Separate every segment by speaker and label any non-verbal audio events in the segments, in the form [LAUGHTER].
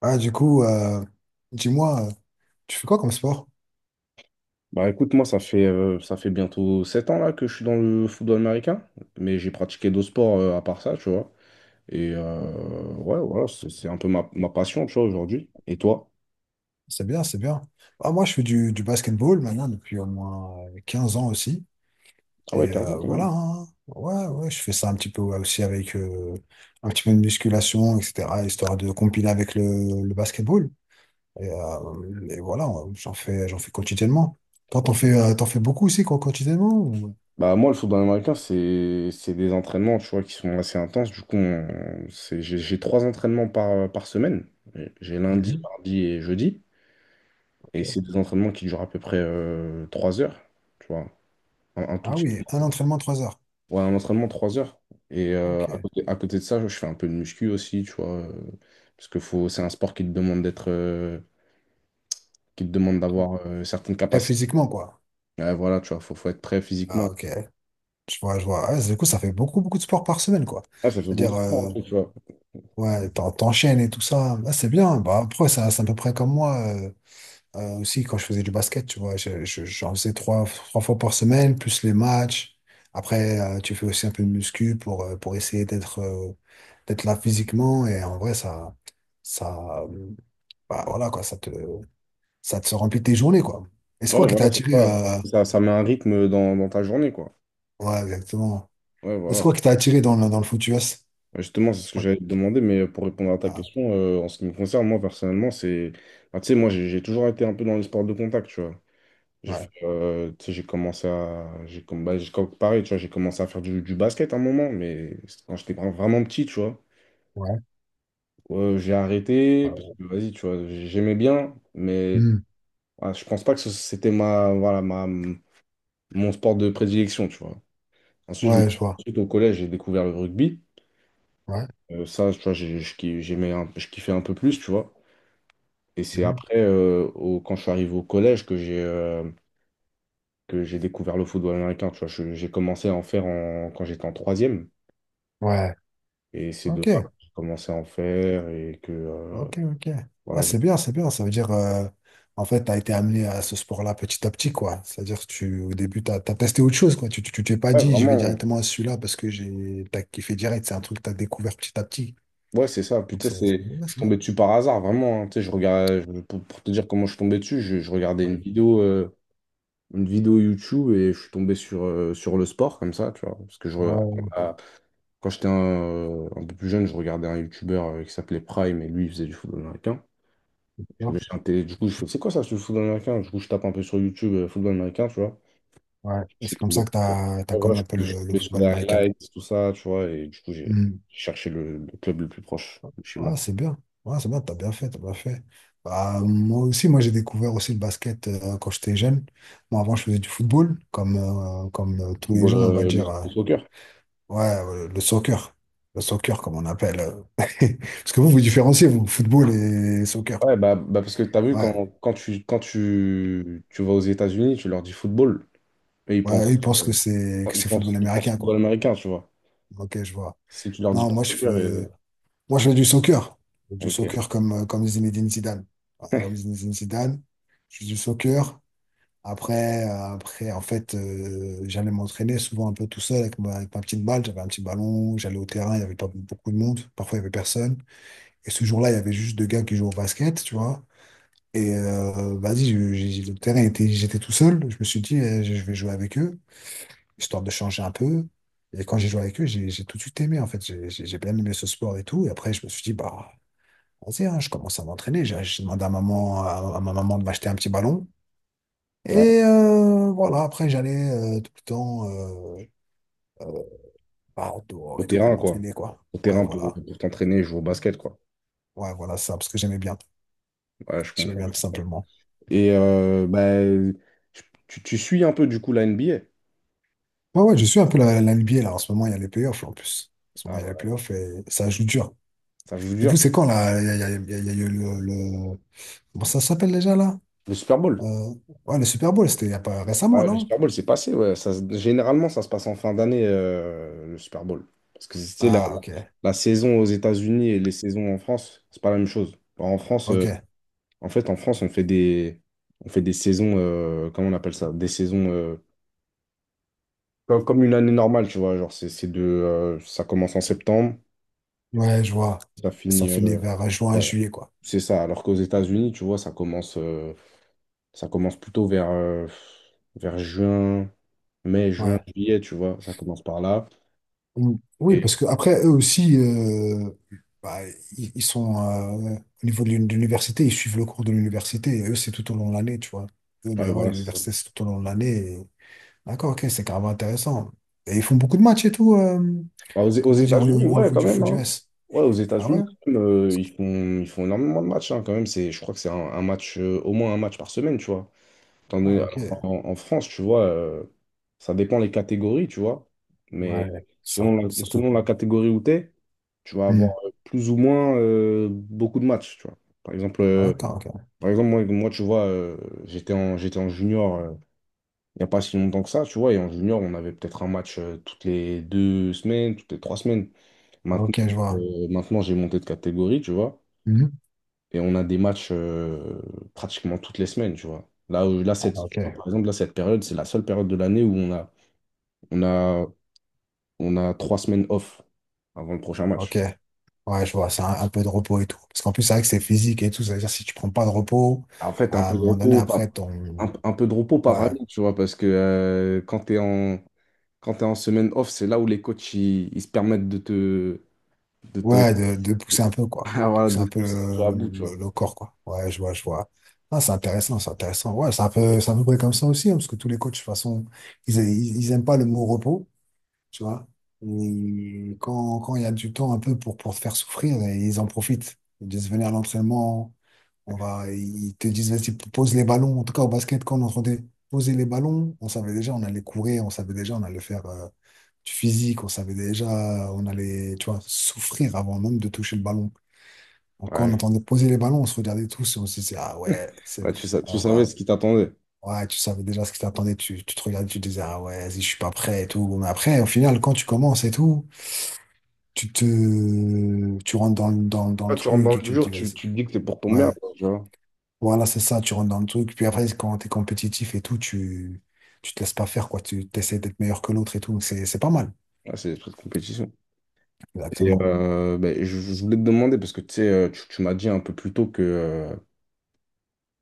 Speaker 1: Ah, du coup, dis-moi, tu fais quoi comme sport?
Speaker 2: Bah écoute, moi ça fait bientôt 7 ans là que je suis dans le football américain, mais j'ai pratiqué d'autres sports à part ça, tu vois. Et ouais, voilà, c'est un peu ma passion, tu vois, aujourd'hui. Et toi?
Speaker 1: C'est bien, c'est bien. Ah, moi, je fais du basketball maintenant depuis au moins 15 ans aussi.
Speaker 2: Ah ouais,
Speaker 1: Et
Speaker 2: quinze ans quand
Speaker 1: voilà,
Speaker 2: même.
Speaker 1: hein. Ouais, ouais, je fais ça un petit peu, ouais, aussi avec un petit peu de musculation, etc., histoire de compiler avec le basketball. Et voilà, j'en fais quotidiennement. Toi, t'en fais beaucoup aussi, quoi, quotidiennement?
Speaker 2: Bah moi, le football américain, c'est des entraînements, tu vois, qui sont assez intenses. Du coup, j'ai 3 entraînements par semaine. J'ai lundi,
Speaker 1: Mhm,
Speaker 2: mardi et jeudi. Et c'est
Speaker 1: ok.
Speaker 2: des entraînements qui durent à peu près 3 heures, tu vois. Un tout
Speaker 1: Ah
Speaker 2: petit
Speaker 1: oui,
Speaker 2: peu.
Speaker 1: un entraînement, 3 heures.
Speaker 2: Ouais, un entraînement, 3 heures. À
Speaker 1: Ok.
Speaker 2: côté de ça, je fais un peu de muscu aussi, tu vois. Parce que faut, c'est un sport qui te demande d'avoir certaines
Speaker 1: Très
Speaker 2: capacités.
Speaker 1: physiquement, quoi.
Speaker 2: Ouais, voilà, tu vois, faut être prêt
Speaker 1: Ah,
Speaker 2: physiquement.
Speaker 1: ok. Je vois, je vois. Ouais, du coup, ça fait beaucoup, beaucoup de sport par semaine, quoi.
Speaker 2: Ah, ça fait
Speaker 1: C'est-à-dire,
Speaker 2: beaucoup de temps, tu vois.
Speaker 1: ouais, t'enchaînes et tout ça. Ah, c'est bien. Bah, après, c'est à peu près comme moi, aussi quand je faisais du basket, tu vois. J'en faisais trois fois par semaine, plus les matchs. Après, tu fais aussi un peu de muscu pour essayer d'être là physiquement. Et en vrai, ça, euh, bah, voilà, quoi, ça te remplit tes journées, quoi. Et c'est quoi
Speaker 2: Ouais,
Speaker 1: qui t'a
Speaker 2: voilà, c'est
Speaker 1: attiré
Speaker 2: ça.
Speaker 1: euh,
Speaker 2: Ça met un rythme dans ta journée, quoi.
Speaker 1: Ouais, exactement.
Speaker 2: Ouais,
Speaker 1: Et c'est
Speaker 2: voilà.
Speaker 1: quoi qui t'a attiré dans le foot US?
Speaker 2: Ouais, justement, c'est ce que
Speaker 1: Ouais.
Speaker 2: j'allais te demander, mais pour répondre à ta
Speaker 1: Ah.
Speaker 2: question, en ce qui me concerne, moi, personnellement, c'est. Bah, tu sais, moi, j'ai toujours été un peu dans les sports de contact, tu vois. J'ai
Speaker 1: Ouais,
Speaker 2: fait, tu sais, j'ai commencé à. J'ai, comm- bah, j'ai comm- pareil, tu vois, j'ai commencé à faire du basket à un moment, mais c'était quand j'étais vraiment petit, tu vois.
Speaker 1: ouais,
Speaker 2: J'ai arrêté, parce
Speaker 1: euh,
Speaker 2: que vas-y, tu vois, j'aimais bien, mais
Speaker 1: Hmm.
Speaker 2: voilà, je pense pas que c'était mon sport de prédilection, tu vois. Ensuite, je me-
Speaker 1: Ouais, je vois.
Speaker 2: ensuite, au collège, j'ai découvert le rugby.
Speaker 1: Ouais.
Speaker 2: Ça, tu vois, je kiffais un peu plus, tu vois. Et c'est
Speaker 1: Mhm.
Speaker 2: après, quand je suis arrivé au collège, que j'ai découvert le football américain, tu vois. J'ai commencé à en faire quand j'étais en troisième.
Speaker 1: Ouais.
Speaker 2: Et c'est de là
Speaker 1: Ok,
Speaker 2: que j'ai commencé à en faire et que
Speaker 1: ok, ok. Ouais,
Speaker 2: voilà, j'ai
Speaker 1: c'est bien, c'est bien. Ça veut dire, en fait, tu as été amené à ce sport-là petit à petit, quoi. C'est-à-dire que tu, au début, tu as testé autre chose, quoi. Tu t'es pas
Speaker 2: ouais,
Speaker 1: dit, je vais
Speaker 2: vraiment.
Speaker 1: directement à celui-là parce que t'as kiffé direct. C'est un truc que tu as découvert petit à petit.
Speaker 2: Ouais, c'est ça.
Speaker 1: Donc,
Speaker 2: Putain, c'est
Speaker 1: ouais,
Speaker 2: je suis
Speaker 1: c'est bien.
Speaker 2: tombé dessus par hasard, vraiment, hein. Tu sais, je regardais pour te dire comment je suis tombé dessus, je regardais une
Speaker 1: Ouais,
Speaker 2: vidéo euh, une vidéo YouTube et je suis tombé sur le sport comme ça, tu vois, parce que
Speaker 1: ouais,
Speaker 2: à- quand j'étais un peu plus jeune, je regardais un YouTuber qui s'appelait Prime et lui il faisait du football américain. Je me
Speaker 1: d'accord.
Speaker 2: suis intéressé, du coup, je fais, c'est quoi ça, ce football américain? Du coup, je tape un peu sur YouTube, football américain, tu vois.
Speaker 1: Ouais. Et
Speaker 2: Je suis
Speaker 1: c'est comme
Speaker 2: tombé.
Speaker 1: ça que tu
Speaker 2: Bon,
Speaker 1: as
Speaker 2: en vrai,
Speaker 1: connu
Speaker 2: je
Speaker 1: un peu
Speaker 2: je suis
Speaker 1: le
Speaker 2: tombé sur
Speaker 1: football
Speaker 2: des
Speaker 1: américain.
Speaker 2: highlights, tout ça, tu vois, et du coup, j'ai
Speaker 1: Hmm.
Speaker 2: j'ai cherché le club le plus proche de chez
Speaker 1: Ouais,
Speaker 2: moi.
Speaker 1: c'est bien. Ouais, c'est bien, t'as bien fait, t'as bien fait. Bah, moi aussi, moi j'ai découvert aussi le basket quand j'étais jeune. Moi avant je faisais du football, comme tous les
Speaker 2: Football,
Speaker 1: jeunes, on va
Speaker 2: le,
Speaker 1: dire.
Speaker 2: le soccer.
Speaker 1: Ouais, le soccer. Le soccer, comme on appelle. [LAUGHS] Parce que vous, vous différenciez, vous, football et soccer.
Speaker 2: Ouais, bah parce que t'as vu,
Speaker 1: Ouais.
Speaker 2: quand tu vas aux États-Unis, tu leur dis football, et
Speaker 1: Ouais, ils pensent que
Speaker 2: euh,
Speaker 1: c'est que
Speaker 2: ils
Speaker 1: c'est football
Speaker 2: pensent, ils pensent
Speaker 1: américain,
Speaker 2: football
Speaker 1: quoi.
Speaker 2: américain, tu vois.
Speaker 1: Ok, je vois.
Speaker 2: Si tu leur dis
Speaker 1: Non,
Speaker 2: pas
Speaker 1: moi je
Speaker 2: soccer,
Speaker 1: fais moi je fais du soccer. Du
Speaker 2: ok.
Speaker 1: soccer comme Zinedine Zidane. Ouais, comme
Speaker 2: [LAUGHS]
Speaker 1: Zinedine Zidane. Je fais du soccer. Après, en fait, j'allais m'entraîner souvent un peu tout seul avec ma petite balle. J'avais un petit ballon, j'allais au terrain, il y avait pas beaucoup de monde. Parfois, il y avait personne. Et ce jour-là, il y avait juste deux gars qui jouaient au basket, tu vois. Et vas-y, le terrain était, j'étais tout seul. Je me suis dit, je vais jouer avec eux, histoire de changer un peu. Et quand j'ai joué avec eux, j'ai tout de suite aimé, en fait. J'ai bien aimé ce sport et tout. Et après, je me suis dit, bah, vas-y, hein, je commence à m'entraîner. J'ai demandé à maman, à ma maman de m'acheter un petit ballon.
Speaker 2: Ouais,
Speaker 1: Et voilà, après j'allais tout le temps, euh, bah, dehors
Speaker 2: au
Speaker 1: et tout pour
Speaker 2: terrain, quoi.
Speaker 1: m'entraîner, quoi.
Speaker 2: Au
Speaker 1: Ouais,
Speaker 2: terrain pour,
Speaker 1: voilà.
Speaker 2: pour t'entraîner et jouer au basket, quoi.
Speaker 1: Ouais, voilà ça, parce que j'aimais bien.
Speaker 2: Ouais, je
Speaker 1: J'aimais
Speaker 2: comprends.
Speaker 1: bien tout simplement.
Speaker 2: Bah, tu suis un peu, du coup, la NBA?
Speaker 1: Ouais, ouais, je suis un peu la NBA là. En ce moment, il y a les playoffs en plus. En ce moment,
Speaker 2: Ah,
Speaker 1: il y a les
Speaker 2: voilà.
Speaker 1: playoffs et ça joue dur.
Speaker 2: Ça, je vous
Speaker 1: Et vous,
Speaker 2: jure,
Speaker 1: c'est quand là? Il y a, il y a- il y a- il y a eu Comment ça s'appelle déjà là?
Speaker 2: le Super Bowl.
Speaker 1: Euh, Ouais, le Super Bowl, c'était il y a pas récemment,
Speaker 2: Ouais, le
Speaker 1: non?
Speaker 2: Super Bowl, c'est passé. Ouais. Ça, généralement, ça se passe en fin d'année, le Super Bowl. Parce que c'était la,
Speaker 1: Ah, ok.
Speaker 2: la saison aux États-Unis et les saisons en France, c'est pas la même chose. Enfin, En France, euh,
Speaker 1: Ok.
Speaker 2: en fait, en France, on fait des saisons, comment on appelle ça? Des saisons comme une année normale, tu vois. Genre, c'est ça commence en septembre,
Speaker 1: Ouais, je vois.
Speaker 2: ça
Speaker 1: Et ça
Speaker 2: finit.
Speaker 1: finit vers juin,
Speaker 2: Ouais,
Speaker 1: juillet, quoi.
Speaker 2: c'est ça. Alors qu'aux États-Unis, tu vois, Ça commence plutôt vers juin, mai, juin,
Speaker 1: Ouais.
Speaker 2: juillet, tu vois. Ça commence par là.
Speaker 1: Mm. Oui,
Speaker 2: Et
Speaker 1: parce que après, eux aussi, bah, ils sont euh, au niveau de de l'université, ils suivent le cours de l'université, et eux, c'est tout au long de l'année, tu vois. Eux,
Speaker 2: ouais,
Speaker 1: là-bas,
Speaker 2: voilà, c'est ça.
Speaker 1: l'université, c'est tout au long de l'année. et- D'accord, ok, c'est carrément intéressant. Et ils font beaucoup de matchs et tout,
Speaker 2: Bah, aux
Speaker 1: comment dire,
Speaker 2: États-Unis,
Speaker 1: au
Speaker 2: ouais,
Speaker 1: niveau
Speaker 2: quand
Speaker 1: du
Speaker 2: même,
Speaker 1: foot U
Speaker 2: hein.
Speaker 1: S.
Speaker 2: Ouais, aux
Speaker 1: Ah ouais?
Speaker 2: États-Unis, quand même, ils font énormément de matchs, hein, quand même, c'est, je crois que c'est au moins un match par semaine, tu vois. Étant
Speaker 1: Ah,
Speaker 2: donné-
Speaker 1: ok.
Speaker 2: alors en France, tu vois, ça dépend les catégories, tu vois. Mais
Speaker 1: Ouais, ça,
Speaker 2: selon la,
Speaker 1: certain.
Speaker 2: selon la catégorie où tu es, tu vas avoir
Speaker 1: Mm.
Speaker 2: plus ou moins beaucoup de matchs, tu vois. Par exemple, euh,
Speaker 1: D'accord, ok.
Speaker 2: Par exemple, moi, moi tu vois, j'étais en junior il n'y a pas si longtemps que ça, tu vois, et en junior, on avait peut-être un match toutes les 2 semaines, toutes les 3 semaines. Maintenant,
Speaker 1: Ok, je vois.
Speaker 2: maintenant, j'ai monté de catégorie, tu vois,
Speaker 1: Mhm.
Speaker 2: et on a des matchs pratiquement toutes les semaines, tu vois. Là, là
Speaker 1: Ah,
Speaker 2: cette,
Speaker 1: ok,
Speaker 2: tu vois, par exemple, là, cette période, c'est la seule période de l'année où on a, on a 3 semaines off avant le prochain match.
Speaker 1: ok. Ouais, je vois, c'est un peu de repos et tout. Parce qu'en plus, c'est vrai que c'est physique et tout. C'est-à-dire, si tu prends pas de repos,
Speaker 2: En fait, un
Speaker 1: à un
Speaker 2: peu de
Speaker 1: moment donné,
Speaker 2: repos, pas,
Speaker 1: après, ton.
Speaker 2: un, un peu de repos, pas
Speaker 1: Ouais,
Speaker 2: vraiment, tu vois, parce que quand tu es en semaine off, c'est là où les coachs ils se permettent de te, de te,
Speaker 1: ouais, de pousser un peu,
Speaker 2: [LAUGHS]
Speaker 1: quoi.
Speaker 2: Ah,
Speaker 1: De
Speaker 2: voilà,
Speaker 1: pousser
Speaker 2: de
Speaker 1: un
Speaker 2: te
Speaker 1: peu
Speaker 2: pousser un peu à bout,
Speaker 1: le,
Speaker 2: tu vois.
Speaker 1: le- le corps, quoi. Ouais, je vois, je vois. Ah, c'est intéressant, c'est intéressant. Ouais, c'est un peu, c'est à peu près comme ça aussi, hein, parce que tous les coachs, de toute façon, ils aiment pas le mot repos, tu vois. Et quand il y a du temps un peu pour te faire souffrir, ils en profitent. Ils disent venir à l'entraînement. On va, ils te disent, vas-y, pose les ballons. En tout cas, au basket, quand on entendait poser les ballons, on savait déjà, on allait courir, on savait déjà, on allait faire du physique, on savait déjà, on allait, tu vois, souffrir avant même de toucher le ballon. Donc, quand on
Speaker 2: Ouais,
Speaker 1: entendait poser les ballons, on se regardait tous et on se disait, ah ouais, c'est,
Speaker 2: ouais, tu
Speaker 1: on
Speaker 2: savais
Speaker 1: va.
Speaker 2: ce qui t'attendait.
Speaker 1: Ouais, tu savais déjà ce qui t'attendait, tu te regardais, tu te disais, ah ouais, vas-y, je suis pas prêt et tout. Bon, mais après, au final, quand tu commences et tout, tu rentres dans le
Speaker 2: Là, tu rentres dans
Speaker 1: truc
Speaker 2: le
Speaker 1: et tu te
Speaker 2: dur,
Speaker 1: dis,
Speaker 2: tu,
Speaker 1: vas-y.
Speaker 2: tu te dis que t'es pour ton bien,
Speaker 1: Ouais,
Speaker 2: quoi, tu vois.
Speaker 1: voilà, c'est ça, tu rentres dans le truc. Puis après, quand t'es compétitif et tout, tu te laisses pas faire, quoi. Tu essaies d'être meilleur que l'autre et tout. C'est pas mal.
Speaker 2: Là, c'est des trucs de compétition. Et,
Speaker 1: Exactement.
Speaker 2: euh, ben, je voulais te demander, parce que tu sais, tu m'as dit un peu plus tôt que,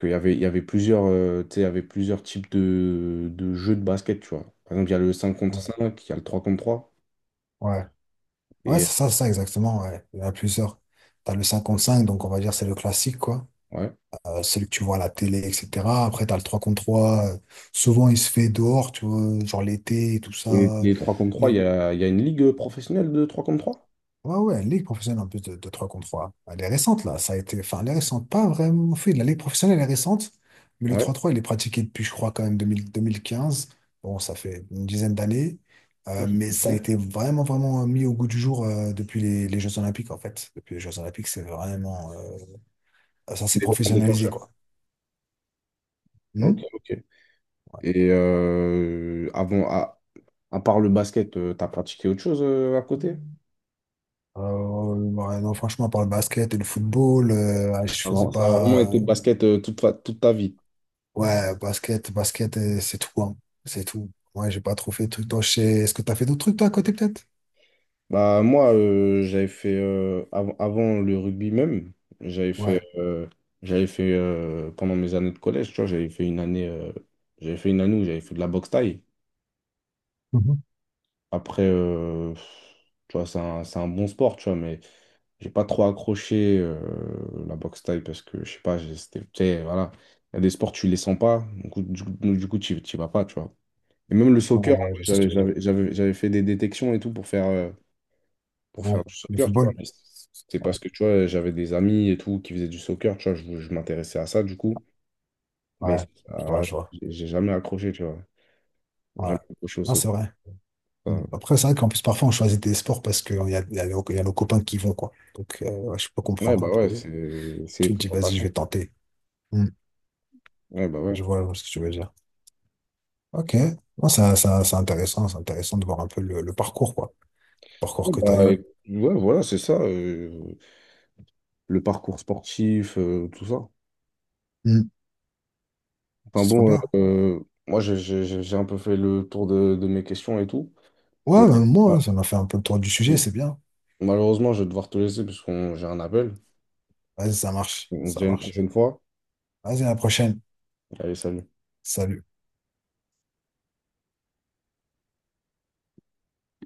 Speaker 2: il y avait plusieurs types de jeux de basket, tu vois. Par exemple, il y a le 5 contre 5, il y a le 3 contre 3.
Speaker 1: Ouais. Ouais,
Speaker 2: Et
Speaker 1: c'est ça, exactement. Ouais. Il y en a plusieurs. T'as le 5 contre cinq, donc on va dire c'est le classique, quoi.
Speaker 2: ouais.
Speaker 1: Celui que tu vois à la télé, etc. Après, t'as le 3 contre trois, souvent, il se fait dehors, tu vois, genre l'été et tout
Speaker 2: Et
Speaker 1: ça.
Speaker 2: les 3 contre 3, il
Speaker 1: Les-
Speaker 2: y a, il y a une ligue professionnelle de 3 contre 3?
Speaker 1: Ouais, ouais, ligue professionnelle en plus de 3 contre trois. Elle est récente là, ça a été. Enfin, elle est récente, pas vraiment en fait. La Ligue professionnelle elle est récente, mais le 3 trois, il est pratiqué depuis, je crois, quand même 2000 2015. Bon, ça fait une dizaine d'années.
Speaker 2: Ouais, c'est
Speaker 1: Mais ça a
Speaker 2: suffisant.
Speaker 1: été vraiment, vraiment mis au goût du jour, depuis les Jeux Olympiques en fait. Depuis les Jeux Olympiques, c'est vraiment, ça s'est
Speaker 2: Les éléments
Speaker 1: professionnalisé,
Speaker 2: déclencheurs.
Speaker 1: quoi.
Speaker 2: Ok,
Speaker 1: Hmm.
Speaker 2: ok. Avant, à part le basket, t'as pratiqué autre chose à côté?
Speaker 1: Ouais, non, franchement, par le basket et le football, ouais, je
Speaker 2: Ça
Speaker 1: faisais
Speaker 2: va- ça a vraiment
Speaker 1: pas.
Speaker 2: été basket toute ta vie.
Speaker 1: Ouais, basket, basket, c'est tout, hein. C'est tout. Ouais, j'ai pas trop fait de trucs. Toi, je sais... Est-ce que t'as fait d'autres trucs, toi, à côté, peut-être?
Speaker 2: Bah, moi, j'avais fait, avant le rugby même, j'avais fait,
Speaker 1: Ouais.
Speaker 2: euh, j'avais fait pendant mes années de collège, tu vois, j'avais fait une année, j'avais fait une année où j'avais fait de la boxe taille.
Speaker 1: Mhm.
Speaker 2: Après, tu vois, c'est un bon sport, tu vois, mais j'ai pas trop accroché la boxe thaï parce que, je sais pas, c'était, tu sais, voilà. Il y a des sports, tu les sens pas, du coup, tu y vas pas, tu vois. Et même le
Speaker 1: Ouais,
Speaker 2: soccer, en
Speaker 1: ouais, je
Speaker 2: vrai,
Speaker 1: vois ce que tu
Speaker 2: j'avais,
Speaker 1: veux dire.
Speaker 2: j'avais, j'avais, j'avais fait des détections et tout pour faire, euh, pour
Speaker 1: Ouais.
Speaker 2: faire du
Speaker 1: Le
Speaker 2: soccer, tu vois.
Speaker 1: football?
Speaker 2: Mais c'était
Speaker 1: Ouais.
Speaker 2: parce que, tu vois, j'avais des amis et tout qui faisaient du soccer, tu vois, je m'intéressais à ça, du coup. Mais
Speaker 1: Ouais. Je vois,
Speaker 2: ah,
Speaker 1: je vois.
Speaker 2: j'ai jamais accroché, tu vois. J'ai
Speaker 1: Ouais.
Speaker 2: jamais accroché au
Speaker 1: Non, c'est
Speaker 2: soccer.
Speaker 1: vrai. Mm.
Speaker 2: Enfin,
Speaker 1: Après, c'est vrai qu'en plus, parfois, on choisit des sports parce qu'il y a nos copains qui vont, quoi. Donc, ouais, je peux
Speaker 2: ouais,
Speaker 1: comprendre
Speaker 2: bah
Speaker 1: un
Speaker 2: ouais,
Speaker 1: peu.
Speaker 2: c'est les
Speaker 1: Tu te dis, vas-y, je vais
Speaker 2: présentations.
Speaker 1: tenter. Mm.
Speaker 2: Ouais, bah ouais.
Speaker 1: Je vois ce que tu veux dire. Ok. Non, c'est intéressant. C'est intéressant de voir un peu le parcours, quoi. Le parcours
Speaker 2: Ouais,
Speaker 1: que
Speaker 2: bah,
Speaker 1: t'as eu.
Speaker 2: ouais, voilà, c'est ça, le parcours sportif, tout ça.
Speaker 1: Mm.
Speaker 2: Enfin
Speaker 1: C'est trop
Speaker 2: bon,
Speaker 1: bien.
Speaker 2: moi j'ai un peu fait le tour de mes questions et tout. Euh,
Speaker 1: Ouais, ben, moi,
Speaker 2: bah,
Speaker 1: hein, ça m'a fait un peu le tour du sujet, c'est bien.
Speaker 2: malheureusement, je vais devoir te laisser parce qu'on j'ai un appel.
Speaker 1: Vas-y, ça marche,
Speaker 2: On se
Speaker 1: ça
Speaker 2: dit à une
Speaker 1: marche.
Speaker 2: prochaine fois.
Speaker 1: Vas-y, à la prochaine.
Speaker 2: Allez, salut.
Speaker 1: Salut.